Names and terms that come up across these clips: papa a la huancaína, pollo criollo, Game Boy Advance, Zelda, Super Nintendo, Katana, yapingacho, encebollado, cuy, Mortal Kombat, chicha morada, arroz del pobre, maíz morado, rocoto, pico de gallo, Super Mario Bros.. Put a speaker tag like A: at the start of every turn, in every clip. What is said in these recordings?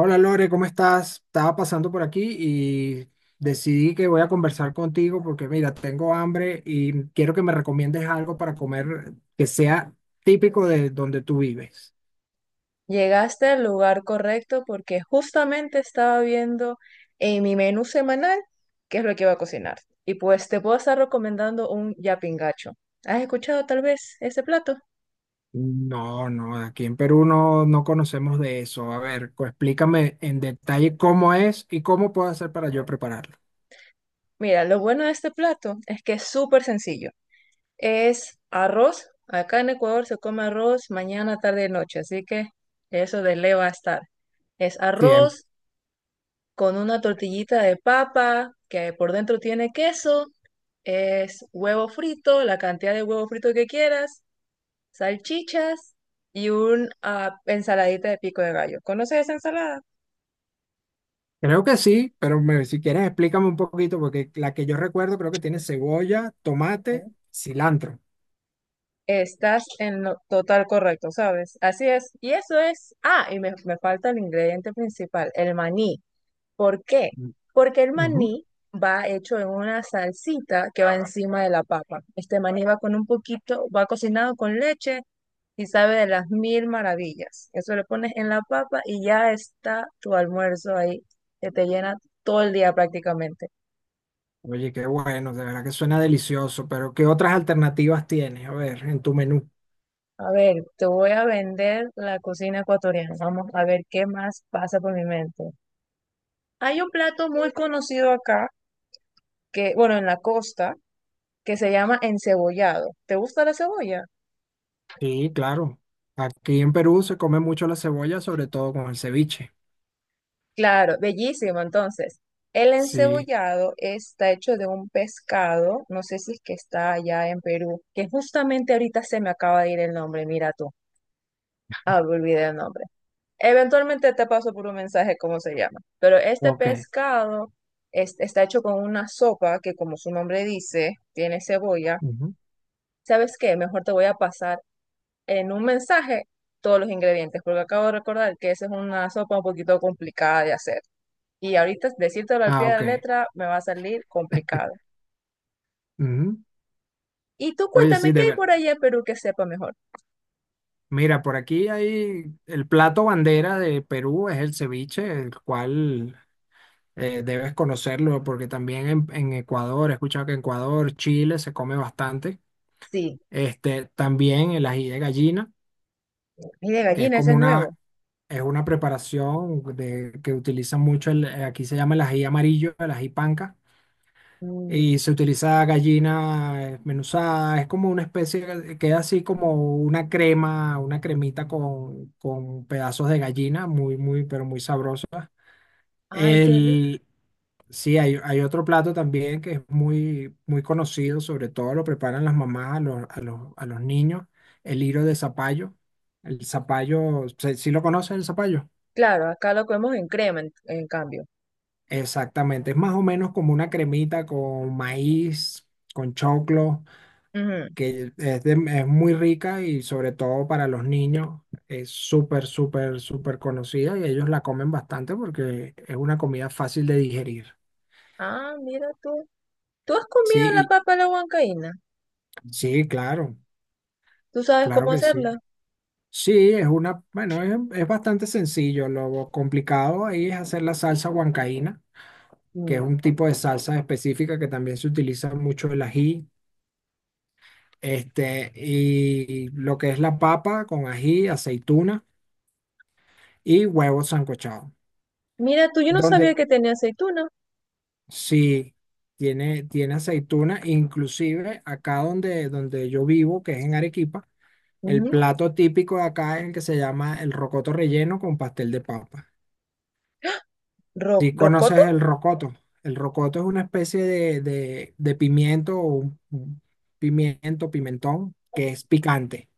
A: Hola Lore, ¿cómo estás? Estaba pasando por aquí y decidí que voy a conversar contigo porque mira, tengo hambre y quiero que me recomiendes algo para comer que sea típico de donde tú vives.
B: Llegaste al lugar correcto porque justamente estaba viendo en mi menú semanal qué es lo que iba a cocinar. Y pues te puedo estar recomendando un yapingacho. ¿Has escuchado tal vez este plato?
A: No, no, aquí en Perú no, no conocemos de eso. A ver, explícame en detalle cómo es y cómo puedo hacer para yo prepararlo.
B: Mira, lo bueno de este plato es que es súper sencillo. Es arroz. Acá en Ecuador se come arroz mañana, tarde y noche, así que eso de le va a estar. Es
A: Sí,
B: arroz con una tortillita de papa que por dentro tiene queso. Es huevo frito, la cantidad de huevo frito que quieras, salchichas y un ensaladita de pico de gallo. ¿Conoces esa ensalada?
A: creo que sí, pero si quieres explícame un poquito porque la que yo recuerdo creo que tiene cebolla, tomate,
B: Bueno,
A: cilantro.
B: estás en lo total correcto, ¿sabes? Así es. Y eso es. Ah, y me falta el ingrediente principal, el maní. ¿Por qué?
A: Mm.
B: Porque el
A: Ujú.
B: maní va hecho en una salsita que va encima de la papa. Este maní va con un poquito, va cocinado con leche y sabe de las mil maravillas. Eso lo pones en la papa y ya está tu almuerzo ahí, que te llena todo el día prácticamente.
A: Oye, qué bueno, de verdad que suena delicioso, pero ¿qué otras alternativas tienes? A ver, en tu menú.
B: A ver, te voy a vender la cocina ecuatoriana. Vamos a ver qué más pasa por mi mente. Hay un plato muy conocido acá, que, bueno, en la costa, que se llama encebollado. ¿Te gusta la cebolla?
A: Sí, claro. Aquí en Perú se come mucho la cebolla, sobre todo con el ceviche.
B: Claro, bellísimo. Entonces, el
A: Sí,
B: encebollado está hecho de un pescado, no sé si es que está allá en Perú, que justamente ahorita se me acaba de ir el nombre, mira tú. Ah, me olvidé el nombre. Eventualmente te paso por un mensaje cómo se llama. Pero este
A: ok.
B: pescado está hecho con una sopa que, como su nombre dice, tiene cebolla.
A: Ujú.
B: ¿Sabes qué? Mejor te voy a pasar en un mensaje todos los ingredientes, porque acabo de recordar que esa es una sopa un poquito complicada de hacer. Y ahorita decírtelo al
A: Ah,
B: pie de la
A: ok.
B: letra me va a salir complicado.
A: Ujú.
B: Y tú
A: Oye,
B: cuéntame
A: sí,
B: qué
A: de
B: hay
A: ver.
B: por allá en Perú que sepa mejor.
A: Mira, por aquí hay el plato bandera de Perú, es el ceviche, el cual debes conocerlo, porque también en, Ecuador, he escuchado que en Ecuador, Chile se come bastante.
B: Sí.
A: También el ají de gallina.
B: Y de
A: Que es
B: gallina, ese
A: como
B: es nuevo.
A: una, es una preparación de, que utiliza mucho, aquí se llama el ají amarillo, el ají panca,
B: Mm.
A: y se utiliza gallina desmenuzada, es como una especie, queda así como una crema, una cremita con, pedazos de gallina, muy, muy, pero muy sabrosa.
B: Ay, qué rico.
A: El, sí, hay otro plato también que es muy, muy conocido, sobre todo lo preparan las mamás a los, a los niños, el hilo de zapallo. El zapallo, ¿sí sí lo conoces el zapallo?
B: Claro, acá lo comemos en crema, en cambio.
A: Exactamente, es más o menos como una cremita con maíz, con choclo,
B: Ujú.
A: que es muy rica y sobre todo para los niños es súper, súper, súper conocida y ellos la comen bastante porque es una comida fácil de digerir.
B: Ah, mira tú. ¿Tú has comido la
A: Sí,
B: papa a la huancaína?
A: sí, claro.
B: ¿Tú sabes
A: Claro
B: cómo
A: que sí.
B: hacerla?
A: Sí, es una, bueno, es bastante sencillo. Lo complicado ahí es hacer la salsa huancaína, que es
B: Mm.
A: un tipo de salsa específica que también se utiliza mucho el ají, y lo que es la papa con ají, aceituna y huevos sancochados.
B: Mira tú, yo no sabía
A: Donde
B: que tenía aceituna.
A: sí tiene aceituna, inclusive acá donde, yo vivo, que es en Arequipa, el
B: Ujú.
A: plato típico de acá es el que se llama el rocoto relleno con pastel de papa. Si conoces
B: ¿Rocoto?
A: el rocoto es una especie de pimiento, o un pimiento, pimentón, que es picante.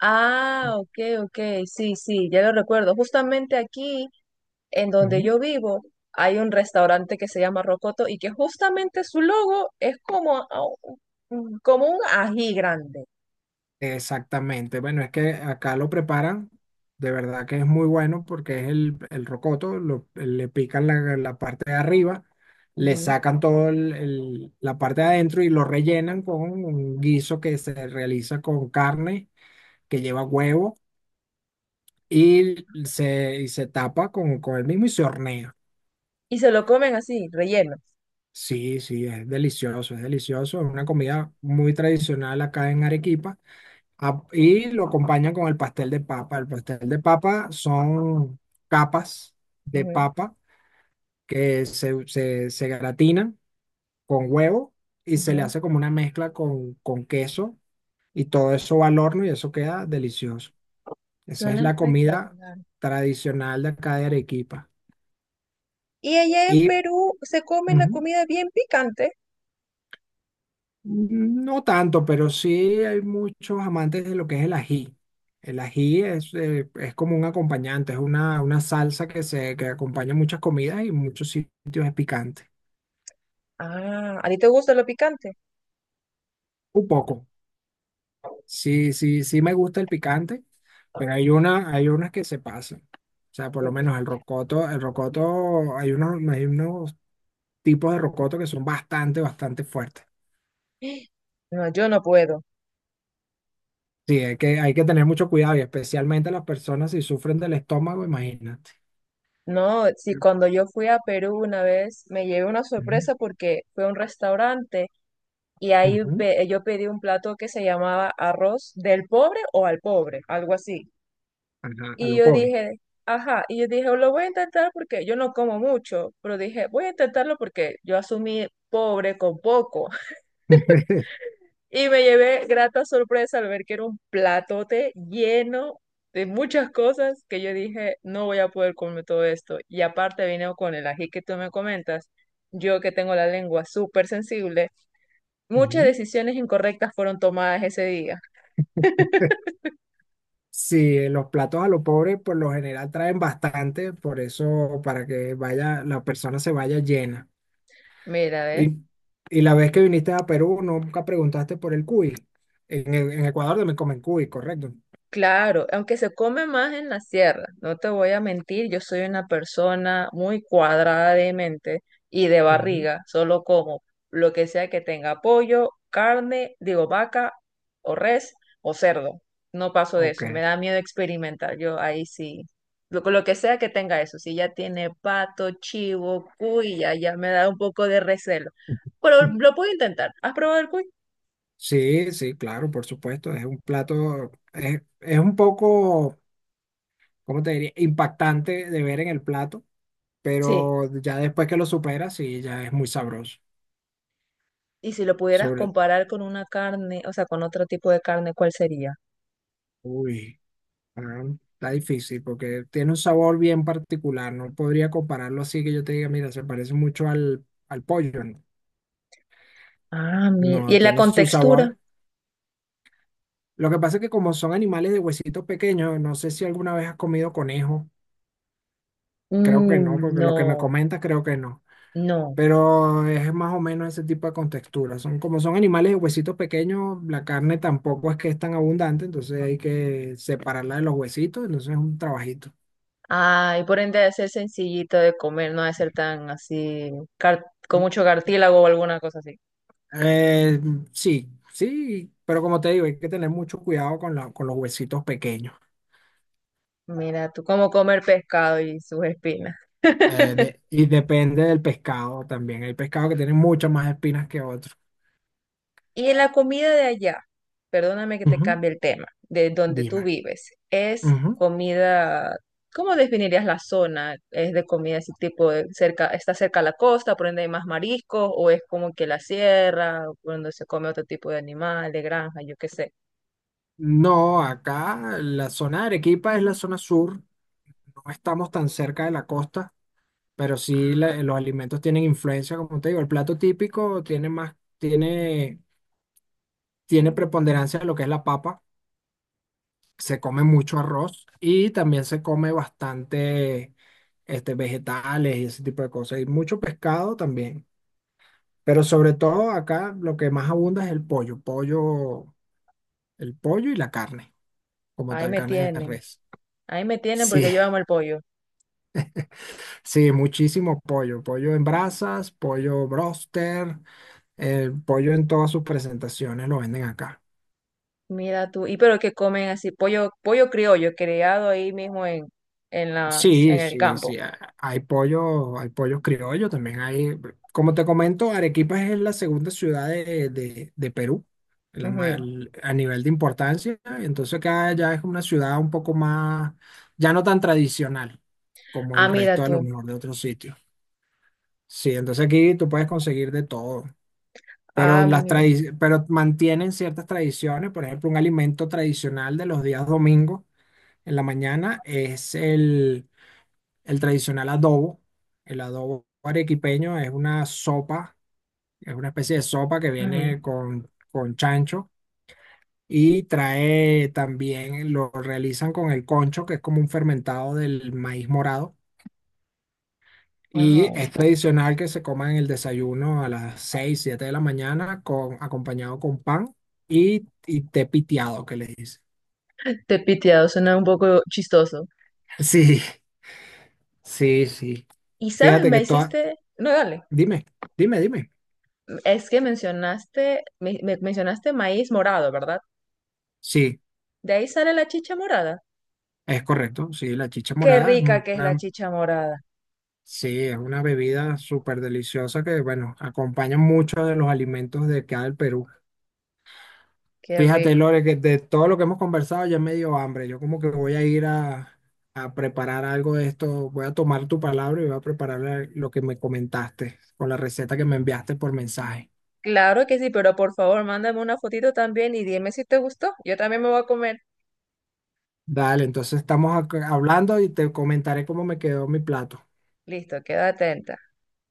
B: Ah, ok, ok, sí, sí, ya lo recuerdo. Justamente aquí en donde
A: Ujú.
B: yo vivo hay un restaurante que se llama Rocoto y que justamente su logo es como, como un ají grande.
A: Exactamente. Bueno, es que acá lo preparan, de verdad que es muy bueno porque es el rocoto, le pican la parte de arriba, le
B: Ujú.
A: sacan todo la parte de adentro y lo rellenan con un guiso que se realiza con carne, que lleva huevo y se tapa con, el mismo y se hornea.
B: Y se lo comen así, relleno.
A: Sí, sí, es delicioso, es delicioso. Es una comida muy tradicional acá en Arequipa. Ah, y lo acompañan con el pastel de papa. El pastel de papa son capas de
B: Ujú,
A: papa que se gratinan con huevo y se le
B: ujú.
A: hace como una mezcla con queso y todo eso va al horno y eso queda delicioso. Esa es
B: Suena
A: la comida
B: espectacular.
A: tradicional de acá de Arequipa.
B: Y allá en
A: Y,
B: Perú se come la
A: Ujú.
B: comida bien picante.
A: No tanto, pero sí hay muchos amantes de lo que es el ají. El ají es como un acompañante, es una salsa que acompaña muchas comidas y en muchos sitios es picante.
B: Ah, ¿a ti te gusta lo picante?
A: Un poco. Sí, sí, sí me gusta el picante, pero hay unas que se pasan. O sea, por
B: Mm,
A: lo
B: mm.
A: menos el rocoto, hay unos tipos de rocoto que son bastante, bastante fuertes.
B: No, yo no puedo.
A: Sí, hay que tener mucho cuidado y especialmente las personas si sufren del estómago, imagínate.
B: No, sí, cuando yo fui a Perú una vez me llevé una
A: Ujú.
B: sorpresa porque fue a un restaurante. Y ahí
A: Ujú.
B: yo pedí un plato que se llamaba arroz del pobre o al pobre, algo así.
A: Ajá, a
B: Y
A: lo
B: yo
A: pobre.
B: dije, ajá, y yo dije, lo voy a intentar porque yo no como mucho, pero dije, voy a intentarlo porque yo asumí pobre con poco. Y me llevé grata sorpresa al ver que era un platote lleno de muchas cosas que yo dije, no voy a poder comer todo esto. Y aparte vino con el ají que tú me comentas, yo que tengo la lengua súper sensible, muchas
A: Ujú.
B: decisiones incorrectas fueron tomadas ese día.
A: Sí, los platos a lo pobre por lo general traen bastante, por eso para que vaya, la persona se vaya llena.
B: Mira, ve.
A: Y, y la vez que viniste a Perú nunca preguntaste por el cuy. En Ecuador también comen cuy, correcto.
B: Claro, aunque se come más en la sierra, no te voy a mentir, yo soy una persona muy cuadrada de mente y de
A: Ujú.
B: barriga, solo como lo que sea que tenga pollo, carne, digo vaca o res o cerdo. No paso de
A: Ok.
B: eso, me da miedo experimentar, yo ahí sí. Lo que sea que tenga eso, si ya tiene pato, chivo, cuy, ya, ya me da un poco de recelo. Pero lo puedo intentar. ¿Has probado el cuy?
A: Sí, sí, claro, por supuesto. Es un plato, es un poco, ¿cómo te diría? Impactante de ver en el plato,
B: Sí.
A: pero ya después que lo superas, sí, ya es muy sabroso.
B: Y si lo pudieras
A: Sobre,
B: comparar con una carne, o sea, con otro tipo de carne, ¿cuál sería?
A: uy, ah, Está difícil porque tiene un sabor bien particular. No podría compararlo así que yo te diga, mira, se parece mucho al pollo. No,
B: Ah, mira.
A: no,
B: ¿Y la
A: tiene su
B: contextura?
A: sabor. Lo que pasa es que como son animales de huesitos pequeños, no sé si alguna vez has comido conejo. Creo que no,
B: Mm,
A: porque lo que me
B: no,
A: comentas creo que no.
B: no.
A: Pero es más o menos ese tipo de contextura. Como son animales de huesitos pequeños, la carne tampoco es que es tan abundante, entonces hay que separarla de los huesitos, entonces es un trabajito.
B: Ay, por ende debe ser sencillito de comer, no debe ser tan así, con mucho cartílago o alguna cosa así.
A: Eh, sí, sí, pero como te digo, hay que tener mucho cuidado con los huesitos pequeños.
B: Mira, tú cómo comer pescado y sus espinas.
A: Y depende del pescado también. Hay pescados que tienen muchas más espinas que otros.
B: Y en la comida de allá, perdóname que te
A: Ujú,
B: cambie el tema, de donde tú
A: dime.
B: vives, es
A: Ujú.
B: comida, ¿cómo definirías la zona? ¿Es de comida así tipo de cerca, está cerca a la costa, por ende hay más mariscos, o es como que la sierra, por donde se come otro tipo de animal, de granja, yo qué sé?
A: No, acá la zona de Arequipa es la zona sur. No estamos tan cerca de la costa, pero sí
B: Ah,
A: los alimentos tienen influencia, como te digo. El plato típico tiene más, tiene preponderancia de lo que es la papa. Se come mucho arroz y también se come bastante vegetales y ese tipo de cosas, y mucho pescado también. Pero sobre todo acá lo que más abunda es el pollo y la carne, como
B: ahí
A: tal,
B: me
A: carne de
B: tienen,
A: res.
B: ahí me tienen
A: Sí,
B: porque yo amo el pollo.
A: sí, muchísimo pollo, pollo en brasas, pollo broster, el pollo en todas sus presentaciones lo venden acá.
B: Mira tú, y pero que comen así, pollo, pollo criollo, criado ahí mismo en las,
A: Sí,
B: en el
A: sí,
B: campo.
A: sí. Hay pollo, hay pollos criollos, también hay, como te comento, Arequipa es la segunda ciudad de Perú
B: Ujú.
A: a nivel de importancia. Entonces acá ya es una ciudad un poco más, ya no tan tradicional como
B: Ah,
A: el
B: mira
A: resto de lo
B: tú.
A: mejor de otros sitios. Sí, entonces aquí tú puedes conseguir de todo, pero
B: Ah,
A: las
B: mira.
A: tradi- pero mantienen ciertas tradiciones. Por ejemplo, un alimento tradicional de los días domingos en la mañana es el tradicional adobo. El adobo arequipeño es una sopa, es una especie de sopa que
B: Ujú.
A: viene con, chancho y trae también, lo realizan con el concho, que es como un fermentado del maíz morado. Y
B: Wow.
A: es tradicional que se coma en el desayuno a las 6 7 de la mañana, acompañado con pan y, té piteado, que le dicen.
B: Te piteado suena un poco chistoso.
A: Sí, sí, sí.
B: Y sabes,
A: Fíjate
B: me
A: que todas.
B: hiciste, no, dale,
A: Dime, dime, dime.
B: es que mencionaste, mencionaste maíz morado, ¿verdad?
A: Sí,
B: De ahí sale la chicha morada.
A: es correcto, sí, la chicha
B: Qué
A: morada
B: rica que es la
A: una,
B: chicha morada.
A: sí, es una bebida súper deliciosa que, bueno, acompaña muchos de los alimentos de acá del Perú.
B: Qué
A: Fíjate,
B: rico.
A: Lore, que de todo lo que hemos conversado ya me dio hambre. Yo como que voy a ir a preparar algo de esto. Voy a tomar tu palabra y voy a preparar lo que me comentaste con la receta que me enviaste por mensaje.
B: Claro que sí, pero por favor, mándame una fotito también y dime si te gustó. Yo también me voy a comer.
A: Dale, entonces estamos acá hablando y te comentaré cómo me quedó mi plato.
B: Listo, quédate atenta.